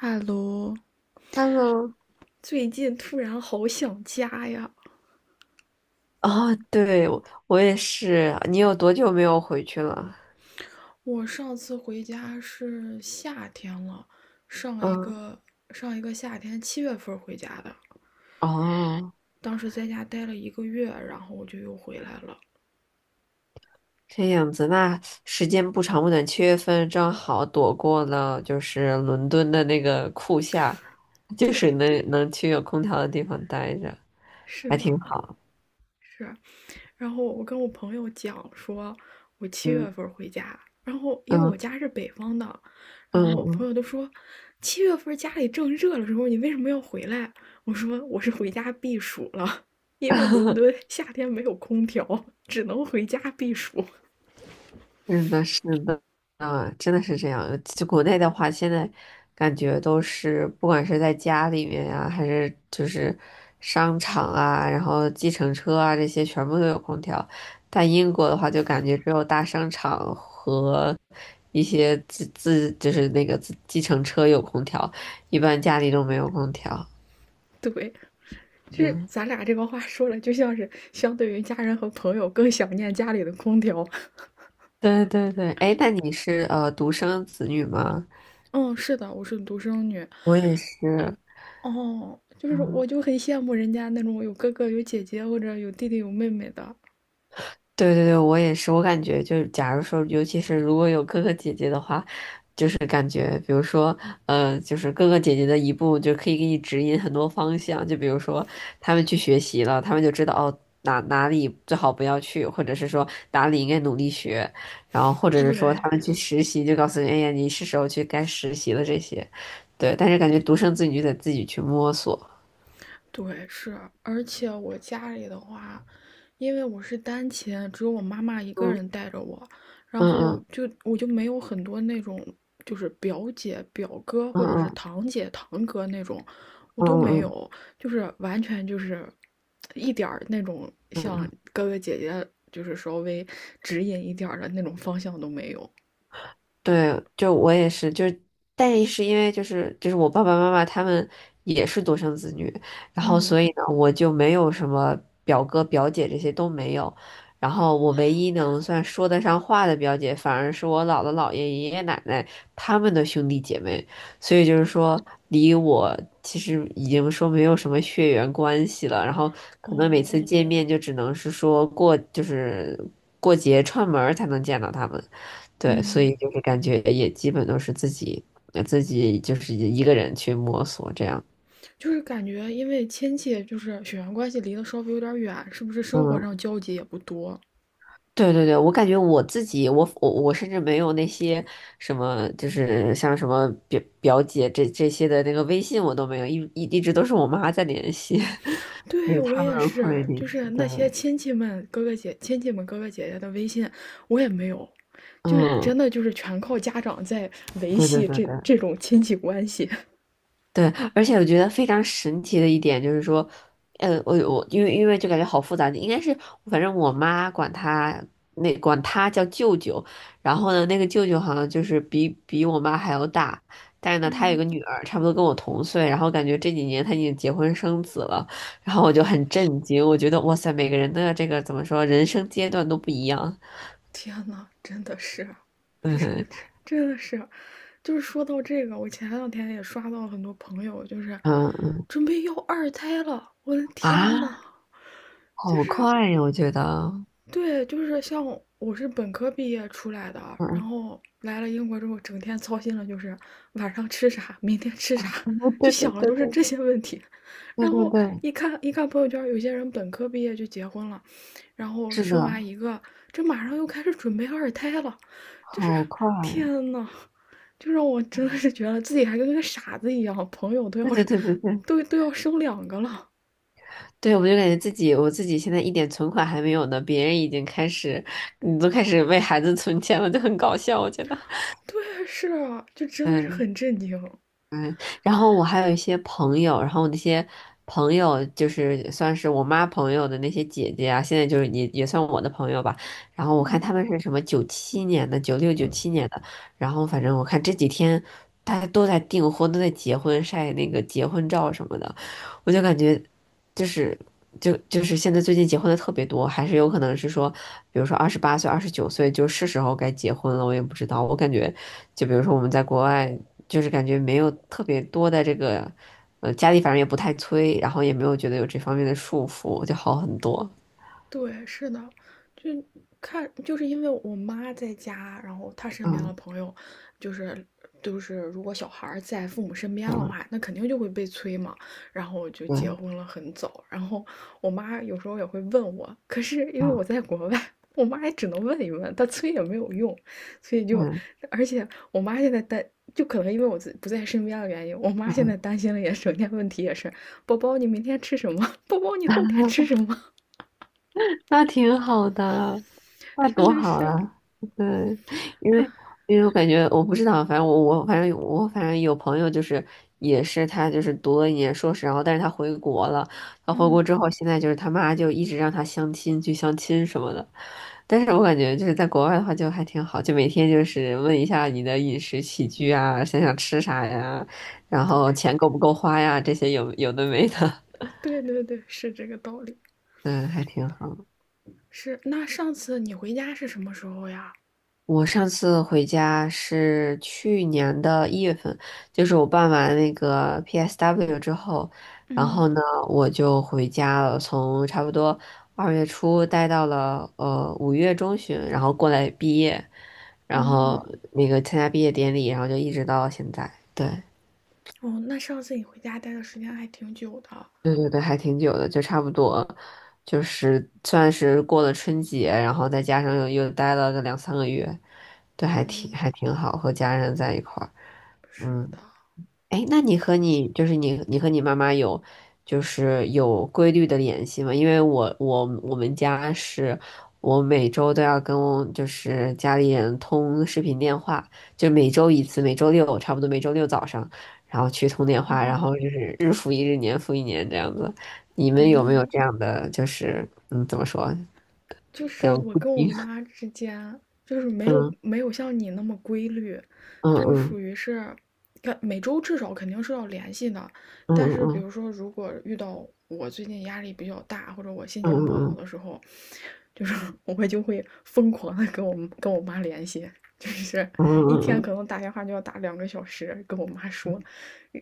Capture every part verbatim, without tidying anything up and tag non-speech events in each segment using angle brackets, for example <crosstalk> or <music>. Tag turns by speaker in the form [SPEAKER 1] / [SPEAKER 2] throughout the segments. [SPEAKER 1] 哈喽，
[SPEAKER 2] h e
[SPEAKER 1] 最近突然好想家呀！
[SPEAKER 2] 哦，对，我我也是。你有多久没有回去了？
[SPEAKER 1] 我上次回家是夏天了，上一
[SPEAKER 2] 嗯，
[SPEAKER 1] 个上一个夏天七月份回家的，
[SPEAKER 2] 哦，
[SPEAKER 1] 当时在家待了一个月，然后我就又回来了。
[SPEAKER 2] 这样子，那时间不长不短，七月份正好躲过了就是伦敦的那个酷夏，
[SPEAKER 1] <laughs>
[SPEAKER 2] 就
[SPEAKER 1] 对，
[SPEAKER 2] 是能能去有空调的地方待着，
[SPEAKER 1] 是
[SPEAKER 2] 还挺
[SPEAKER 1] 吧？
[SPEAKER 2] 好。
[SPEAKER 1] 是。然后我跟我朋友讲说，我七
[SPEAKER 2] 嗯
[SPEAKER 1] 月份回家，然后因为我
[SPEAKER 2] 嗯
[SPEAKER 1] 家是北方的，然后
[SPEAKER 2] 嗯
[SPEAKER 1] 我朋
[SPEAKER 2] 嗯，
[SPEAKER 1] 友都说，七月份家里正热的时候，你为什么要回来？我说我是回家避暑了，因为伦
[SPEAKER 2] <laughs>
[SPEAKER 1] 敦夏天没有空调，只能回家避暑。
[SPEAKER 2] 是的，是的，啊，真的是这样。就国内的话，现在感觉都是，不管是在家里面呀、还是就是商场啊，然后计程车啊，这些全部都有空调。但英国的话，就感觉只有大商场和一些自自就是那个自计程车有空调，一般
[SPEAKER 1] <laughs> 对
[SPEAKER 2] 家里都没有空调。
[SPEAKER 1] 对，就是咱俩这个话说了，就像是相对于家人和朋友更想念家里的空调。
[SPEAKER 2] 对对对，哎，那你是呃独生子女吗？
[SPEAKER 1] 嗯，是的，我是独生女。
[SPEAKER 2] 我也是，
[SPEAKER 1] 哦，就是我
[SPEAKER 2] 嗯
[SPEAKER 1] 就很羡慕人家那种有哥哥有姐姐或者有弟弟有妹妹的。
[SPEAKER 2] 对对对，我也是，我感觉就是，假如说，尤其是如果有哥哥姐姐的话，就是感觉，比如说，呃，就是哥哥姐姐的一步就可以给你指引很多方向，就比如说他们去学习了，他们就知道哦哪哪里最好不要去，或者是说哪里应该努力学，然后或者是说
[SPEAKER 1] 对，
[SPEAKER 2] 他们去实习，就告诉你，哎呀，你是时候去该实习了这些，对，但是感觉独生子女就得自己去摸索，
[SPEAKER 1] 对，是。而且我家里的话，因为我是单亲，只有我妈妈一个人
[SPEAKER 2] 嗯
[SPEAKER 1] 带着我，然
[SPEAKER 2] 嗯
[SPEAKER 1] 后
[SPEAKER 2] 嗯
[SPEAKER 1] 就我就没有很多那种就是表姐、表哥或者是
[SPEAKER 2] 嗯
[SPEAKER 1] 堂姐、堂哥那种，我
[SPEAKER 2] 嗯
[SPEAKER 1] 都
[SPEAKER 2] 嗯
[SPEAKER 1] 没
[SPEAKER 2] 嗯嗯。
[SPEAKER 1] 有，就是完全就是一点儿那种
[SPEAKER 2] 嗯
[SPEAKER 1] 像
[SPEAKER 2] 嗯
[SPEAKER 1] 哥哥姐姐就是稍微指引一点儿的那种方向都没有。
[SPEAKER 2] 对，就我也是，就是，但是因为就是就是我爸爸妈妈他们也是独生子女，然后
[SPEAKER 1] 嗯。
[SPEAKER 2] 所以呢，我就没有什么表哥表姐这些都没有，然后我唯一能算说得上话的表姐，反而是我姥姥姥爷爷爷奶奶他们的兄弟姐妹，所以就是说离我其实已经说没有什么血缘关系了，然后可能每次
[SPEAKER 1] 哦，
[SPEAKER 2] 见面就只能是说过就是过节串门儿才能见到他们。对，所
[SPEAKER 1] 嗯，
[SPEAKER 2] 以就是感觉也基本都是自己呃自己就是一个人去摸索这样。
[SPEAKER 1] 就是感觉因为亲戚就是血缘关系离得稍微有点远，是不是生活
[SPEAKER 2] 嗯，
[SPEAKER 1] 上交集也不多？
[SPEAKER 2] 对对对，我感觉我自己，我我我甚至没有那些什么，就是像什么表表姐这这些的那个微信我都没有，一一一直都是我妈在联系，<laughs> 因
[SPEAKER 1] 对，
[SPEAKER 2] 为
[SPEAKER 1] 我
[SPEAKER 2] 他
[SPEAKER 1] 也
[SPEAKER 2] 们会
[SPEAKER 1] 是，
[SPEAKER 2] 联
[SPEAKER 1] 就
[SPEAKER 2] 系
[SPEAKER 1] 是
[SPEAKER 2] 的。
[SPEAKER 1] 那些亲戚们、哥哥姐、亲戚们哥哥姐姐的微信，我也没有，就真
[SPEAKER 2] 嗯，
[SPEAKER 1] 的就是全靠家长在维
[SPEAKER 2] 对对
[SPEAKER 1] 系
[SPEAKER 2] 对
[SPEAKER 1] 这
[SPEAKER 2] 对。
[SPEAKER 1] 这种亲戚关系。
[SPEAKER 2] 对，而且我觉得非常神奇的一点就是说，呃，我我因为因为就感觉好复杂，应该是反正我妈管他那管他叫舅舅，然后呢，那个舅舅好像就是比比我妈还要大，但是呢，他有
[SPEAKER 1] 嗯，
[SPEAKER 2] 个女儿，差不多跟我同岁，然后感觉这几年他已经结婚生子了，然后我就很震惊，我觉得哇塞，每个人的这个怎么说，人生阶段都不一样，
[SPEAKER 1] 天呐，真的是，
[SPEAKER 2] <laughs>
[SPEAKER 1] 这这
[SPEAKER 2] 嗯
[SPEAKER 1] 真的是，就是说到这个，我前两天也刷到很多朋友，就是
[SPEAKER 2] 嗯
[SPEAKER 1] 准备要二胎了，我的天呐！
[SPEAKER 2] 啊，
[SPEAKER 1] 就
[SPEAKER 2] 好
[SPEAKER 1] 是
[SPEAKER 2] 快呀，我觉得，
[SPEAKER 1] 对，就是像我是本科毕业出来的，然
[SPEAKER 2] 嗯，
[SPEAKER 1] 后来了英国之后，整天操心的就是晚上吃啥，明天吃啥，
[SPEAKER 2] <laughs>
[SPEAKER 1] 就
[SPEAKER 2] 对对
[SPEAKER 1] 想的
[SPEAKER 2] 对
[SPEAKER 1] 都是
[SPEAKER 2] 对
[SPEAKER 1] 这
[SPEAKER 2] 对
[SPEAKER 1] 些问题。
[SPEAKER 2] 对
[SPEAKER 1] 然
[SPEAKER 2] 对
[SPEAKER 1] 后
[SPEAKER 2] 对。
[SPEAKER 1] 一看一看朋友圈，有些人本科毕业就结婚了，然后
[SPEAKER 2] 是
[SPEAKER 1] 生完
[SPEAKER 2] 的，
[SPEAKER 1] 一个，这马上又开始准备二胎了，就是
[SPEAKER 2] 好快！
[SPEAKER 1] 天呐，就让我真的是觉得自己还跟个傻子一样，朋友都
[SPEAKER 2] 对
[SPEAKER 1] 要
[SPEAKER 2] 对
[SPEAKER 1] 是
[SPEAKER 2] 对对对，
[SPEAKER 1] 都都要生两个了。
[SPEAKER 2] 对我就感觉自己，我自己现在一点存款还没有呢，别人已经开始，你都开始为孩子存钱了，就很搞笑，我觉得。
[SPEAKER 1] 对，是啊就真的是
[SPEAKER 2] 嗯。
[SPEAKER 1] 很震惊。
[SPEAKER 2] 嗯，然后我还有一些朋友，然后那些朋友就是算是我妈朋友的那些姐姐啊，现在就是也也算我的朋友吧。然后我看他们是什么九七年的、九六、九七年的，然后反正我看这几天大家都在订婚，都在结婚，晒那个结婚照什么的，我就感觉就是就就是现在最近结婚的特别多，还是有可能是说，比如说二十八岁、二十九岁就是时候该结婚了，我也不知道。我感觉就比如说我们在国外。就是感觉没有特别多的这个，呃，家里反正也不太催，然后也没有觉得有这方面的束缚，就好很多。
[SPEAKER 1] 对，是的，就看，就是因为我妈在家，然后她身边的
[SPEAKER 2] 嗯
[SPEAKER 1] 朋友，就是就是如果小孩儿在父母身边的
[SPEAKER 2] 嗯，
[SPEAKER 1] 话，那肯定就会被催嘛。然后就
[SPEAKER 2] 对，
[SPEAKER 1] 结婚了很早，然后我妈有时候也会问我，可是因为我
[SPEAKER 2] 嗯
[SPEAKER 1] 在国外，我妈也只能问一问，她催也没有用，所以就，
[SPEAKER 2] 嗯
[SPEAKER 1] 而且我妈现在担，就可能因为我自不在身边的原因，我妈
[SPEAKER 2] 嗯，
[SPEAKER 1] 现在
[SPEAKER 2] 嗯
[SPEAKER 1] 担心的也整天问题也是，宝宝你明天吃什么？<laughs> 宝宝你后天吃什么？
[SPEAKER 2] 那挺好的。那
[SPEAKER 1] <laughs> 真
[SPEAKER 2] 多
[SPEAKER 1] 的
[SPEAKER 2] 好
[SPEAKER 1] 是。
[SPEAKER 2] 啊！对，因为因为我感觉我不知道，反正我我反正我反正有朋友就是也是他就是读了一年硕士，然后但是他回国了，他回国之后现在就是他妈就一直让他相亲去相亲什么的，但是我感觉就是在国外的话就还挺好，就每天就是问一下你的饮食起居啊，想想吃啥呀，然后
[SPEAKER 1] 对
[SPEAKER 2] 钱够不够花呀，这些有有的没的，
[SPEAKER 1] 对对对，是这个道理。
[SPEAKER 2] <laughs> 嗯，还挺好。
[SPEAKER 1] 是，那上次你回家是什么时候呀？
[SPEAKER 2] 我上次回家是去年的一月份，就是我办完那个 P S W 之后，然
[SPEAKER 1] 嗯
[SPEAKER 2] 后呢，我就回家了，从差不多二月初待到了呃五月中旬，然后过来毕业，然后
[SPEAKER 1] 嗯，
[SPEAKER 2] 那个参加毕业典礼，然后就一直到现在。对，
[SPEAKER 1] 哦，那上次你回家待的时间还挺久的。
[SPEAKER 2] 对对对，还挺久的，就差不多，就是算是过了春节，然后再加上又又待了个两三个月，对，还挺还挺好，和家人在一块儿，
[SPEAKER 1] 是的，
[SPEAKER 2] 嗯。哎，那你和你就是你你和你妈妈有就是有规律的联系吗？因为我我我们家是我每周都要跟就是家里人通视频电话，就每周一次，每周六差不多每周六早上，然后去通电话，然
[SPEAKER 1] 哦，
[SPEAKER 2] 后就是日复一日，年复一年这样子。你们有没有
[SPEAKER 1] 嗯。
[SPEAKER 2] 这样的就是嗯怎么说
[SPEAKER 1] 就是
[SPEAKER 2] 这样
[SPEAKER 1] 我
[SPEAKER 2] 固
[SPEAKER 1] 跟我
[SPEAKER 2] 定？
[SPEAKER 1] 妈之间，就是没有
[SPEAKER 2] 嗯
[SPEAKER 1] 没有像你那么规律，
[SPEAKER 2] 嗯
[SPEAKER 1] 就属
[SPEAKER 2] 嗯
[SPEAKER 1] 于是，看每周至少肯定是要联系的。
[SPEAKER 2] 嗯
[SPEAKER 1] 但是比
[SPEAKER 2] 嗯
[SPEAKER 1] 如说，如果遇到我最近压力比较大，或者我心情不好
[SPEAKER 2] 嗯
[SPEAKER 1] 的时候，就是 <laughs> 我会就会疯狂的跟我跟我妈联系，就是
[SPEAKER 2] 嗯
[SPEAKER 1] 一
[SPEAKER 2] 嗯
[SPEAKER 1] 天
[SPEAKER 2] 嗯
[SPEAKER 1] 可能打电话就要打两个小时，跟我妈说，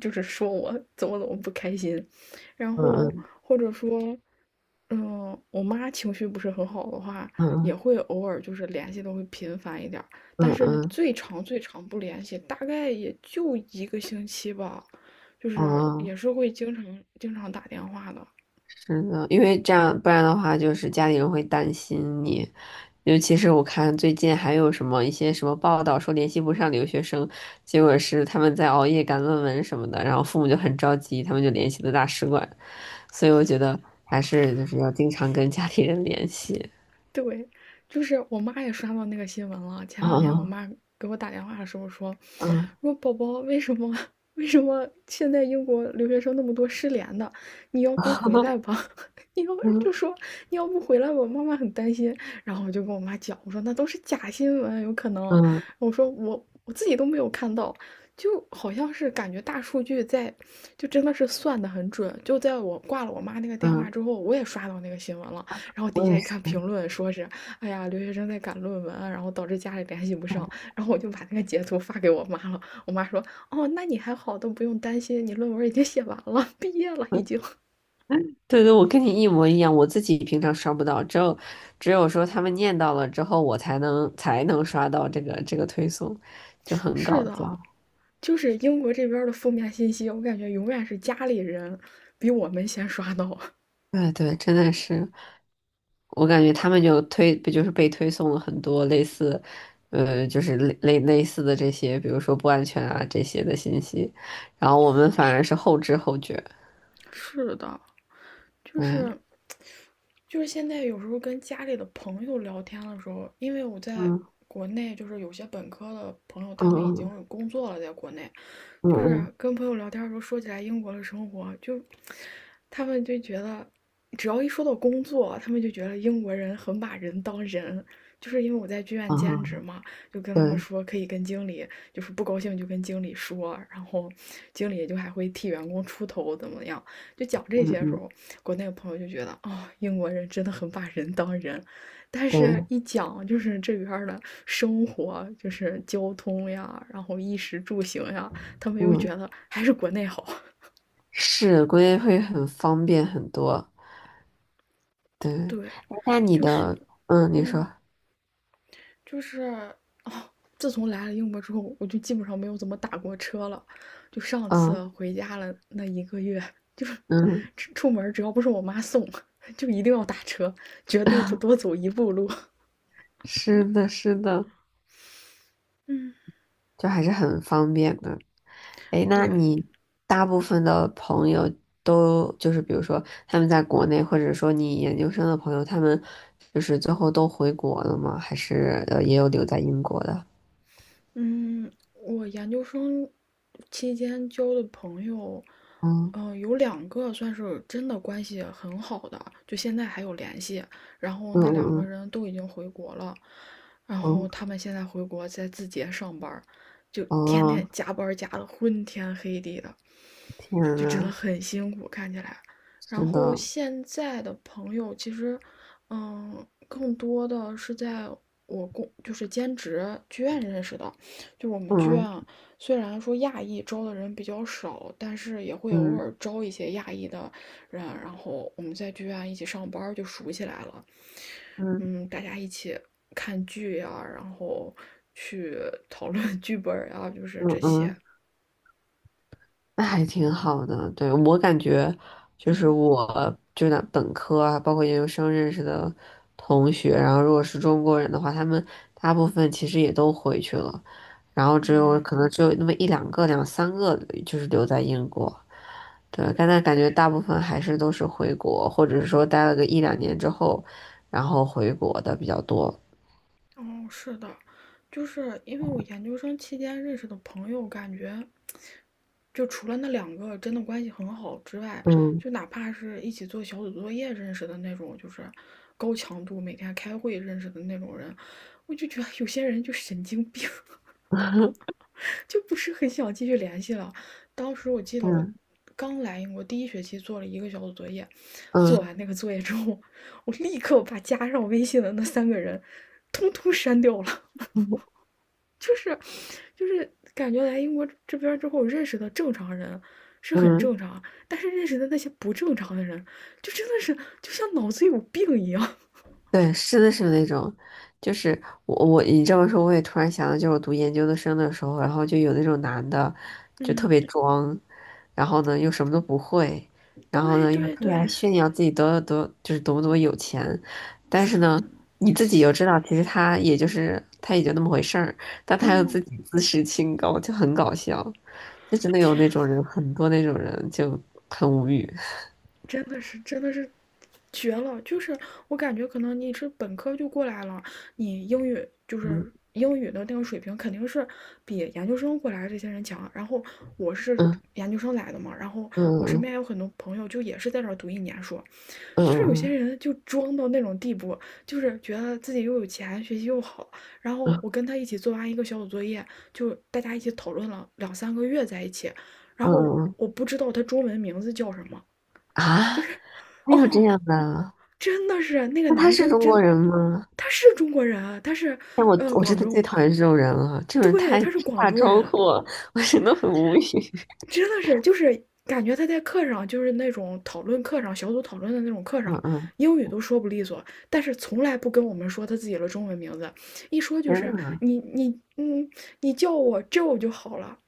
[SPEAKER 1] 就是说我怎么怎么不开心，然
[SPEAKER 2] 嗯
[SPEAKER 1] 后
[SPEAKER 2] 嗯
[SPEAKER 1] 或者说，嗯，我妈情绪不是很好的话，
[SPEAKER 2] 嗯
[SPEAKER 1] 也
[SPEAKER 2] 嗯
[SPEAKER 1] 会偶尔就是联系的会频繁一点儿，
[SPEAKER 2] 嗯嗯嗯嗯嗯嗯嗯
[SPEAKER 1] 但是
[SPEAKER 2] 嗯嗯嗯
[SPEAKER 1] 最长最长不联系，大概也就一个星期吧，就是也
[SPEAKER 2] 嗯
[SPEAKER 1] 是会经常经常打电话的。
[SPEAKER 2] 真的，因为这样，不然的话，就是家里人会担心你。尤其是我看最近还有什么一些什么报道说联系不上留学生，结果是他们在熬夜赶论文什么的，然后父母就很着急，他们就联系了大使馆。所以我觉得还是就是要经常跟家里人联系。
[SPEAKER 1] 对，就是我妈也刷到那个新闻了。前
[SPEAKER 2] <laughs>
[SPEAKER 1] 两天我
[SPEAKER 2] 嗯
[SPEAKER 1] 妈给我打电话的时候说，
[SPEAKER 2] 嗯
[SPEAKER 1] 说宝宝为什么 <laughs> 为什么现在英国留学生那么多失联的？你要不回
[SPEAKER 2] 嗯
[SPEAKER 1] 来吧？<laughs> 你要就说你要不回来吧，妈妈很担心。然后我就跟我妈讲，我说那都是假新闻，有可能。
[SPEAKER 2] 嗯嗯，
[SPEAKER 1] 我说我我自己都没有看到，就好像是感觉大数据在，就真的是算的很准。就在我挂了我妈那个电话
[SPEAKER 2] 嗯
[SPEAKER 1] 之后，我也刷到那个新闻了。然后底
[SPEAKER 2] 我
[SPEAKER 1] 下
[SPEAKER 2] 也
[SPEAKER 1] 一看
[SPEAKER 2] 是。
[SPEAKER 1] 评论说是，哎呀，留学生在赶论文啊然后导致家里联系不上，然后我就把那个截图发给我妈了。我妈说，哦，那你还好，都不用担心，你论文已经写完了，<laughs> 毕业了已经。
[SPEAKER 2] 对对，我跟你一模一样，我自己平常刷不到，只有只有说他们念到了之后，我才能才能刷到这个这个推送，就
[SPEAKER 1] <laughs>
[SPEAKER 2] 很
[SPEAKER 1] 是
[SPEAKER 2] 搞
[SPEAKER 1] 的，
[SPEAKER 2] 笑。
[SPEAKER 1] 就是英国这边的负面信息，我感觉永远是家里人比我们先刷到。
[SPEAKER 2] 对对，真的是，我感觉他们就推，不就是被推送了很多类似，呃，就是类类类似的这些，比如说不安全啊这些的信息，然后我们反而是后知后觉。
[SPEAKER 1] <laughs> 是的，就
[SPEAKER 2] 嗯
[SPEAKER 1] 是就是现在有时候跟家里的朋友聊天的时候，因为我在
[SPEAKER 2] 嗯
[SPEAKER 1] 国内，就是有些本科的朋友他们已经
[SPEAKER 2] 嗯
[SPEAKER 1] 有工作了，在国内，就是
[SPEAKER 2] 嗯
[SPEAKER 1] 跟朋友聊天的时候说起来英国的生活，就他们就觉得，只要一说到工作，他们就觉得英国人很把人当人。就是因为我在剧院
[SPEAKER 2] 嗯
[SPEAKER 1] 兼职
[SPEAKER 2] 嗯，
[SPEAKER 1] 嘛，就跟他们
[SPEAKER 2] 嗯对，
[SPEAKER 1] 说可以跟经理，就是不高兴就跟经理说，然后经理就还会替员工出头怎么样。就讲这
[SPEAKER 2] 嗯
[SPEAKER 1] 些的时
[SPEAKER 2] 嗯
[SPEAKER 1] 候，国内的朋友就觉得哦，英国人真的很把人当人，但是
[SPEAKER 2] 对，
[SPEAKER 1] 一讲就是这边的生活，就是交通呀，然后衣食住行呀，他们又觉
[SPEAKER 2] 嗯，
[SPEAKER 1] 得还是国内好。
[SPEAKER 2] 是，估计会很方便很多。对，
[SPEAKER 1] 对，
[SPEAKER 2] 哎，那你
[SPEAKER 1] 就是，
[SPEAKER 2] 的，嗯，你说，
[SPEAKER 1] 嗯，就是，哦，自从来了英国之后，我就基本上没有怎么打过车了。就上
[SPEAKER 2] 嗯
[SPEAKER 1] 次回家了那一个月，就是
[SPEAKER 2] 嗯，
[SPEAKER 1] 出门只要不是我妈送，<laughs> 就一定要打车，绝对不
[SPEAKER 2] <laughs>
[SPEAKER 1] 多走一步路。
[SPEAKER 2] 是的，是的，
[SPEAKER 1] 嗯，
[SPEAKER 2] 就还是很方便的。哎，那
[SPEAKER 1] 对，
[SPEAKER 2] 你大部分的朋友都就是，比如说他们在国内，或者说你研究生的朋友，他们就是最后都回国了吗？还是呃也有留在英国的？
[SPEAKER 1] 嗯，我研究生期间交的朋友，
[SPEAKER 2] 嗯
[SPEAKER 1] 嗯，有两个算是真的关系很好的，就现在还有联系。然后
[SPEAKER 2] 嗯
[SPEAKER 1] 那两个
[SPEAKER 2] 嗯
[SPEAKER 1] 人都已经回国了，然后
[SPEAKER 2] 嗯
[SPEAKER 1] 他们现在回国在字节上班儿就
[SPEAKER 2] 嗯，
[SPEAKER 1] 天天
[SPEAKER 2] 哦，
[SPEAKER 1] 加班儿加的昏天黑地的，
[SPEAKER 2] 天
[SPEAKER 1] 就真的
[SPEAKER 2] 呐，
[SPEAKER 1] 很辛苦，看起来。然
[SPEAKER 2] 真的，
[SPEAKER 1] 后现在的朋友其实，嗯，更多的是在我工就是兼职剧院认识的。就我们剧
[SPEAKER 2] 嗯
[SPEAKER 1] 院，虽然说亚裔招的人比较少，但是也会偶尔
[SPEAKER 2] 嗯
[SPEAKER 1] 招一些亚裔的人，然后我们在剧院一起上班就熟起来了。
[SPEAKER 2] 嗯
[SPEAKER 1] 嗯，大家一起看剧呀、然后去讨论剧本呀、就是
[SPEAKER 2] 嗯
[SPEAKER 1] 这
[SPEAKER 2] 嗯
[SPEAKER 1] 些。
[SPEAKER 2] 嗯。那还挺好的。对，我感觉就是
[SPEAKER 1] 嗯
[SPEAKER 2] 我就那本科啊，包括研究生认识的同学，然后如果是中国人的话，他们大部分其实也都回去了，然后只有
[SPEAKER 1] 嗯，
[SPEAKER 2] 可能只有那么一两个、两三个就是留在英国。对，但那感觉大部分还是都是回国，或者是说待了个一两年之后，然后回国的比较多。
[SPEAKER 1] 哦，是的，就是因为我研究生期间认识的朋友，感觉就除了那两个真的关系很好之外，
[SPEAKER 2] 嗯
[SPEAKER 1] 就哪怕是一起做小组作业认识的那种，就是高强度每天开会认识的那种人，我就觉得有些人就神经病，
[SPEAKER 2] <laughs>
[SPEAKER 1] <laughs> 就不是很想继续联系了。当时我记得我
[SPEAKER 2] 嗯
[SPEAKER 1] 刚来英国第一学期做了一个小组作业，做
[SPEAKER 2] 嗯
[SPEAKER 1] 完那个作业之后，我立刻把加上微信的那三个人通通删掉了。就是就是感觉来英国这边之后认识的正常人是很
[SPEAKER 2] 嗯。
[SPEAKER 1] 正常啊，但是认识的那些不正常的人，就真的是就像脑子有病一样。
[SPEAKER 2] 对，是的，是那种，就是我我你这么说，我也突然想到，就是我读研究生的时候，然后就有那种男的，
[SPEAKER 1] <laughs>
[SPEAKER 2] 就特
[SPEAKER 1] 嗯，
[SPEAKER 2] 别装，然后呢又什么都不会，然后
[SPEAKER 1] 对
[SPEAKER 2] 呢又
[SPEAKER 1] 对
[SPEAKER 2] 特别
[SPEAKER 1] 对，
[SPEAKER 2] 爱炫耀自己多多就是多么多么有钱，但是呢你自己又知道，其实他也就是他也就那么回事儿，但他又自
[SPEAKER 1] 嗯，
[SPEAKER 2] 己自视清高，就很搞笑，就真的有
[SPEAKER 1] 天，
[SPEAKER 2] 那种人，很多那种人就很无语。
[SPEAKER 1] 真的是真的是绝了！就是我感觉可能你是本科就过来了，你英语就是
[SPEAKER 2] 嗯
[SPEAKER 1] 英语的那个水平肯定是比研究生过来的这些人强。然后我是
[SPEAKER 2] 嗯
[SPEAKER 1] 研究生来的嘛，然后我身
[SPEAKER 2] 嗯
[SPEAKER 1] 边有很多朋友就也是在这儿读一年书，
[SPEAKER 2] 嗯
[SPEAKER 1] 就是有些
[SPEAKER 2] 嗯
[SPEAKER 1] 人就装到那种地步，就是觉得自己又有钱，学习又好。然
[SPEAKER 2] 嗯
[SPEAKER 1] 后
[SPEAKER 2] 嗯
[SPEAKER 1] 我跟他一起做完一个小组作业，就大家一起讨论了两三个月在一起。然
[SPEAKER 2] 嗯
[SPEAKER 1] 后
[SPEAKER 2] 嗯嗯
[SPEAKER 1] 我不知道他中文名字叫什么，
[SPEAKER 2] 啊！
[SPEAKER 1] 就是
[SPEAKER 2] 还有这
[SPEAKER 1] 哦，
[SPEAKER 2] 样的？
[SPEAKER 1] 真的是那个
[SPEAKER 2] 那他
[SPEAKER 1] 男
[SPEAKER 2] 是
[SPEAKER 1] 生
[SPEAKER 2] 中
[SPEAKER 1] 真
[SPEAKER 2] 国
[SPEAKER 1] 的，
[SPEAKER 2] 人吗？
[SPEAKER 1] 他是中国人啊，他是
[SPEAKER 2] 但我
[SPEAKER 1] 呃
[SPEAKER 2] 我真
[SPEAKER 1] 广
[SPEAKER 2] 的最
[SPEAKER 1] 州，
[SPEAKER 2] 讨厌这种人了，这种人
[SPEAKER 1] 对，
[SPEAKER 2] 太
[SPEAKER 1] 他是广
[SPEAKER 2] 大
[SPEAKER 1] 州
[SPEAKER 2] 装
[SPEAKER 1] 人，
[SPEAKER 2] 货，我 <laughs>，我真的很无语。<laughs>
[SPEAKER 1] 真的是，就是感觉他在课上，就是那种讨论课上、小组讨论的那种课
[SPEAKER 2] 嗯
[SPEAKER 1] 上，
[SPEAKER 2] 嗯，
[SPEAKER 1] 英语都说不利索，但是从来不跟我们说他自己的中文名字，一说就
[SPEAKER 2] 天
[SPEAKER 1] 是
[SPEAKER 2] 呐，
[SPEAKER 1] 你你嗯，你叫我 Joe 就好了。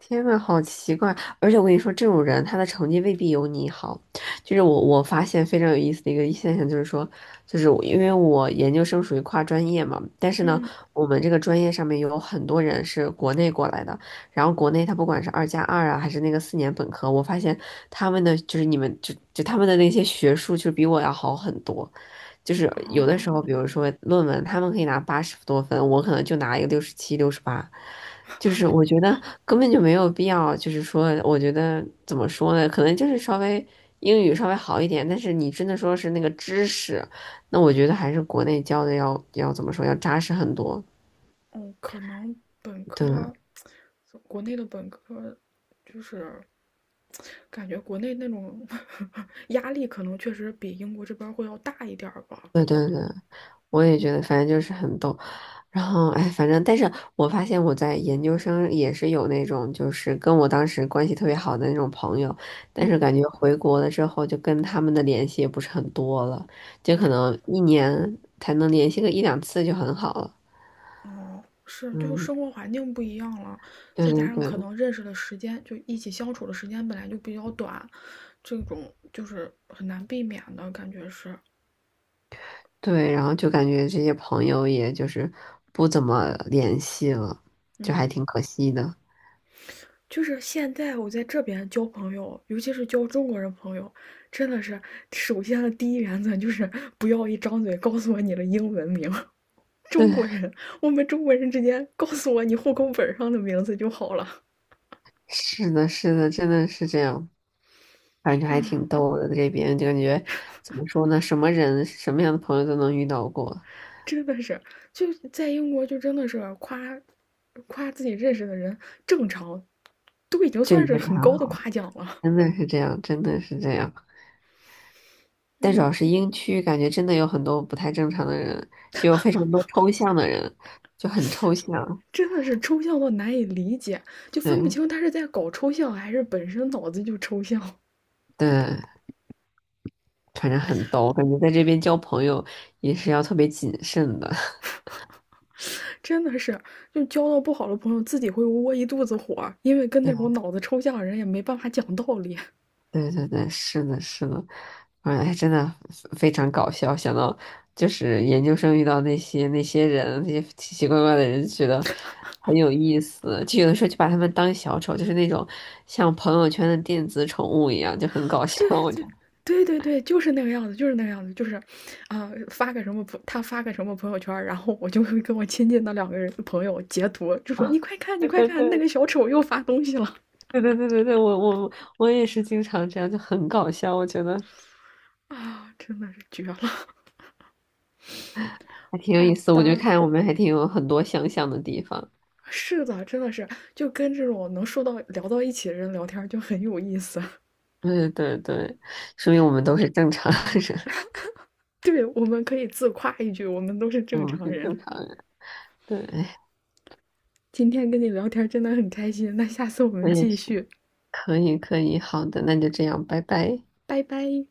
[SPEAKER 2] 天呐，好奇怪！而且我跟你说，这种人他的成绩未必有你好。就是我我发现非常有意思的一个现象，就是说，就是我因为我研究生属于跨专业嘛，但是呢，
[SPEAKER 1] 嗯。
[SPEAKER 2] 我们这个专业上面有很多人是国内过来的，然后国内他不管是二加二啊，还是那个四年本科，我发现他们的就是你们就就他们的那些学术就比我要好很多。就是有的时候，
[SPEAKER 1] 哦，
[SPEAKER 2] 比如说论文，他们可以拿八十多分，我可能就拿一个六十七、六十八。就是我觉得根本就没有必要，就是说，我觉得怎么说呢？可能就是稍微英语稍微好一点，但是你真的说是那个知识，那我觉得还是国内教的要要怎么说，要扎实很多。
[SPEAKER 1] 哦，可能本
[SPEAKER 2] 对，
[SPEAKER 1] 科，国内的本科，就是感觉国内那种 <laughs> 压力，可能确实比英国这边会要大一点儿吧。
[SPEAKER 2] 对对对。我也觉得，反正就是很逗。然后，哎，反正，但是我发现我在研究生也是有那种，就是跟我当时关系特别好的那种朋友，但是
[SPEAKER 1] 嗯，
[SPEAKER 2] 感觉回国了之后，就跟他们的联系也不是很多了，就可能一年才能联系个一两次就很好了。
[SPEAKER 1] 哦，是，就是
[SPEAKER 2] 嗯，
[SPEAKER 1] 生活环境不一样了，
[SPEAKER 2] 对
[SPEAKER 1] 再加上
[SPEAKER 2] 对
[SPEAKER 1] 可
[SPEAKER 2] 对
[SPEAKER 1] 能认识的时间，就一起相处的时间本来就比较短，这种就是很难避免的感觉是，
[SPEAKER 2] 对，然后就感觉这些朋友也就是不怎么联系了，就还
[SPEAKER 1] 嗯，
[SPEAKER 2] 挺可惜的。<laughs>
[SPEAKER 1] 就是现在我在这边交朋友，尤其是交中国人朋友，真的是首先的第一原则就是 <laughs> 不要一张嘴告诉我你的英文名，<laughs>
[SPEAKER 2] 对，
[SPEAKER 1] 中国人，我们中国人之间告诉我你户口本上的名字就好了。
[SPEAKER 2] 是的，是的，真的是这样。反正还挺逗的，在这边就感觉怎么说呢，什么人、什么样的朋友都能遇到过，
[SPEAKER 1] 真的是，就在英国就真的是夸夸自己认识的人，正常都已经
[SPEAKER 2] 这
[SPEAKER 1] 算
[SPEAKER 2] 已
[SPEAKER 1] 是
[SPEAKER 2] 经是
[SPEAKER 1] 很
[SPEAKER 2] 很
[SPEAKER 1] 高的
[SPEAKER 2] 好了，
[SPEAKER 1] 夸奖了。
[SPEAKER 2] 真的是这样，真的是这样。但主要
[SPEAKER 1] 嗯，
[SPEAKER 2] 是英区，感觉真的有很多不太正常的人，就有非常多抽象的人，就很抽象。
[SPEAKER 1] <laughs> 真的是抽象到难以理解，就分不
[SPEAKER 2] 对
[SPEAKER 1] 清他是在搞抽象还是本身脑子就抽象。
[SPEAKER 2] 对，反正很逗，感觉在这边交朋友也是要特别谨慎的。
[SPEAKER 1] <laughs> 真的是，就交到不好的朋友，自己会窝一肚子火，因为跟那
[SPEAKER 2] <laughs>
[SPEAKER 1] 种脑子抽象的人也没办法讲道理。
[SPEAKER 2] 对对对，是的，是的，哎，真的非常搞笑。想到就是研究生遇到那些那些人，那些奇奇怪怪的人，觉得很有意思。就有的时候就把他们当小丑，就是那种像朋友圈的电子宠物一样，就很搞笑。
[SPEAKER 1] 对
[SPEAKER 2] 我就
[SPEAKER 1] 对对对对，就是那个样子，就是那个样子，就是，啊、发个什么朋，他发个什么朋友圈儿然后我就会跟我亲近的两个人朋友截图，就
[SPEAKER 2] <laughs>
[SPEAKER 1] 说你
[SPEAKER 2] 啊，
[SPEAKER 1] 快看，你
[SPEAKER 2] 对
[SPEAKER 1] 快
[SPEAKER 2] 对
[SPEAKER 1] 看，那
[SPEAKER 2] 对
[SPEAKER 1] 个小丑又发东西了
[SPEAKER 2] 对对对对对我我我也是经常这样，就很搞笑。我觉得
[SPEAKER 1] 啊，真的是绝了。
[SPEAKER 2] 还挺有意
[SPEAKER 1] 好
[SPEAKER 2] 思。我觉得
[SPEAKER 1] 的，
[SPEAKER 2] 看我们还挺有很多相像的地方。
[SPEAKER 1] 是的，真的是，就跟这种能说到聊到一起的人聊天儿就很有意思。<laughs>
[SPEAKER 2] 对对对，说明我们都是正常人，
[SPEAKER 1] 对，我们可以自夸一句，我们都是
[SPEAKER 2] <laughs>
[SPEAKER 1] 正
[SPEAKER 2] 我们
[SPEAKER 1] 常
[SPEAKER 2] 是
[SPEAKER 1] 人。
[SPEAKER 2] 正常人。对，
[SPEAKER 1] 今天跟你聊天儿真的很开心，那下次我
[SPEAKER 2] 我
[SPEAKER 1] 们
[SPEAKER 2] 也
[SPEAKER 1] 继
[SPEAKER 2] 是，
[SPEAKER 1] 续，
[SPEAKER 2] 可以可以，好的，那就这样，拜拜。
[SPEAKER 1] 拜拜。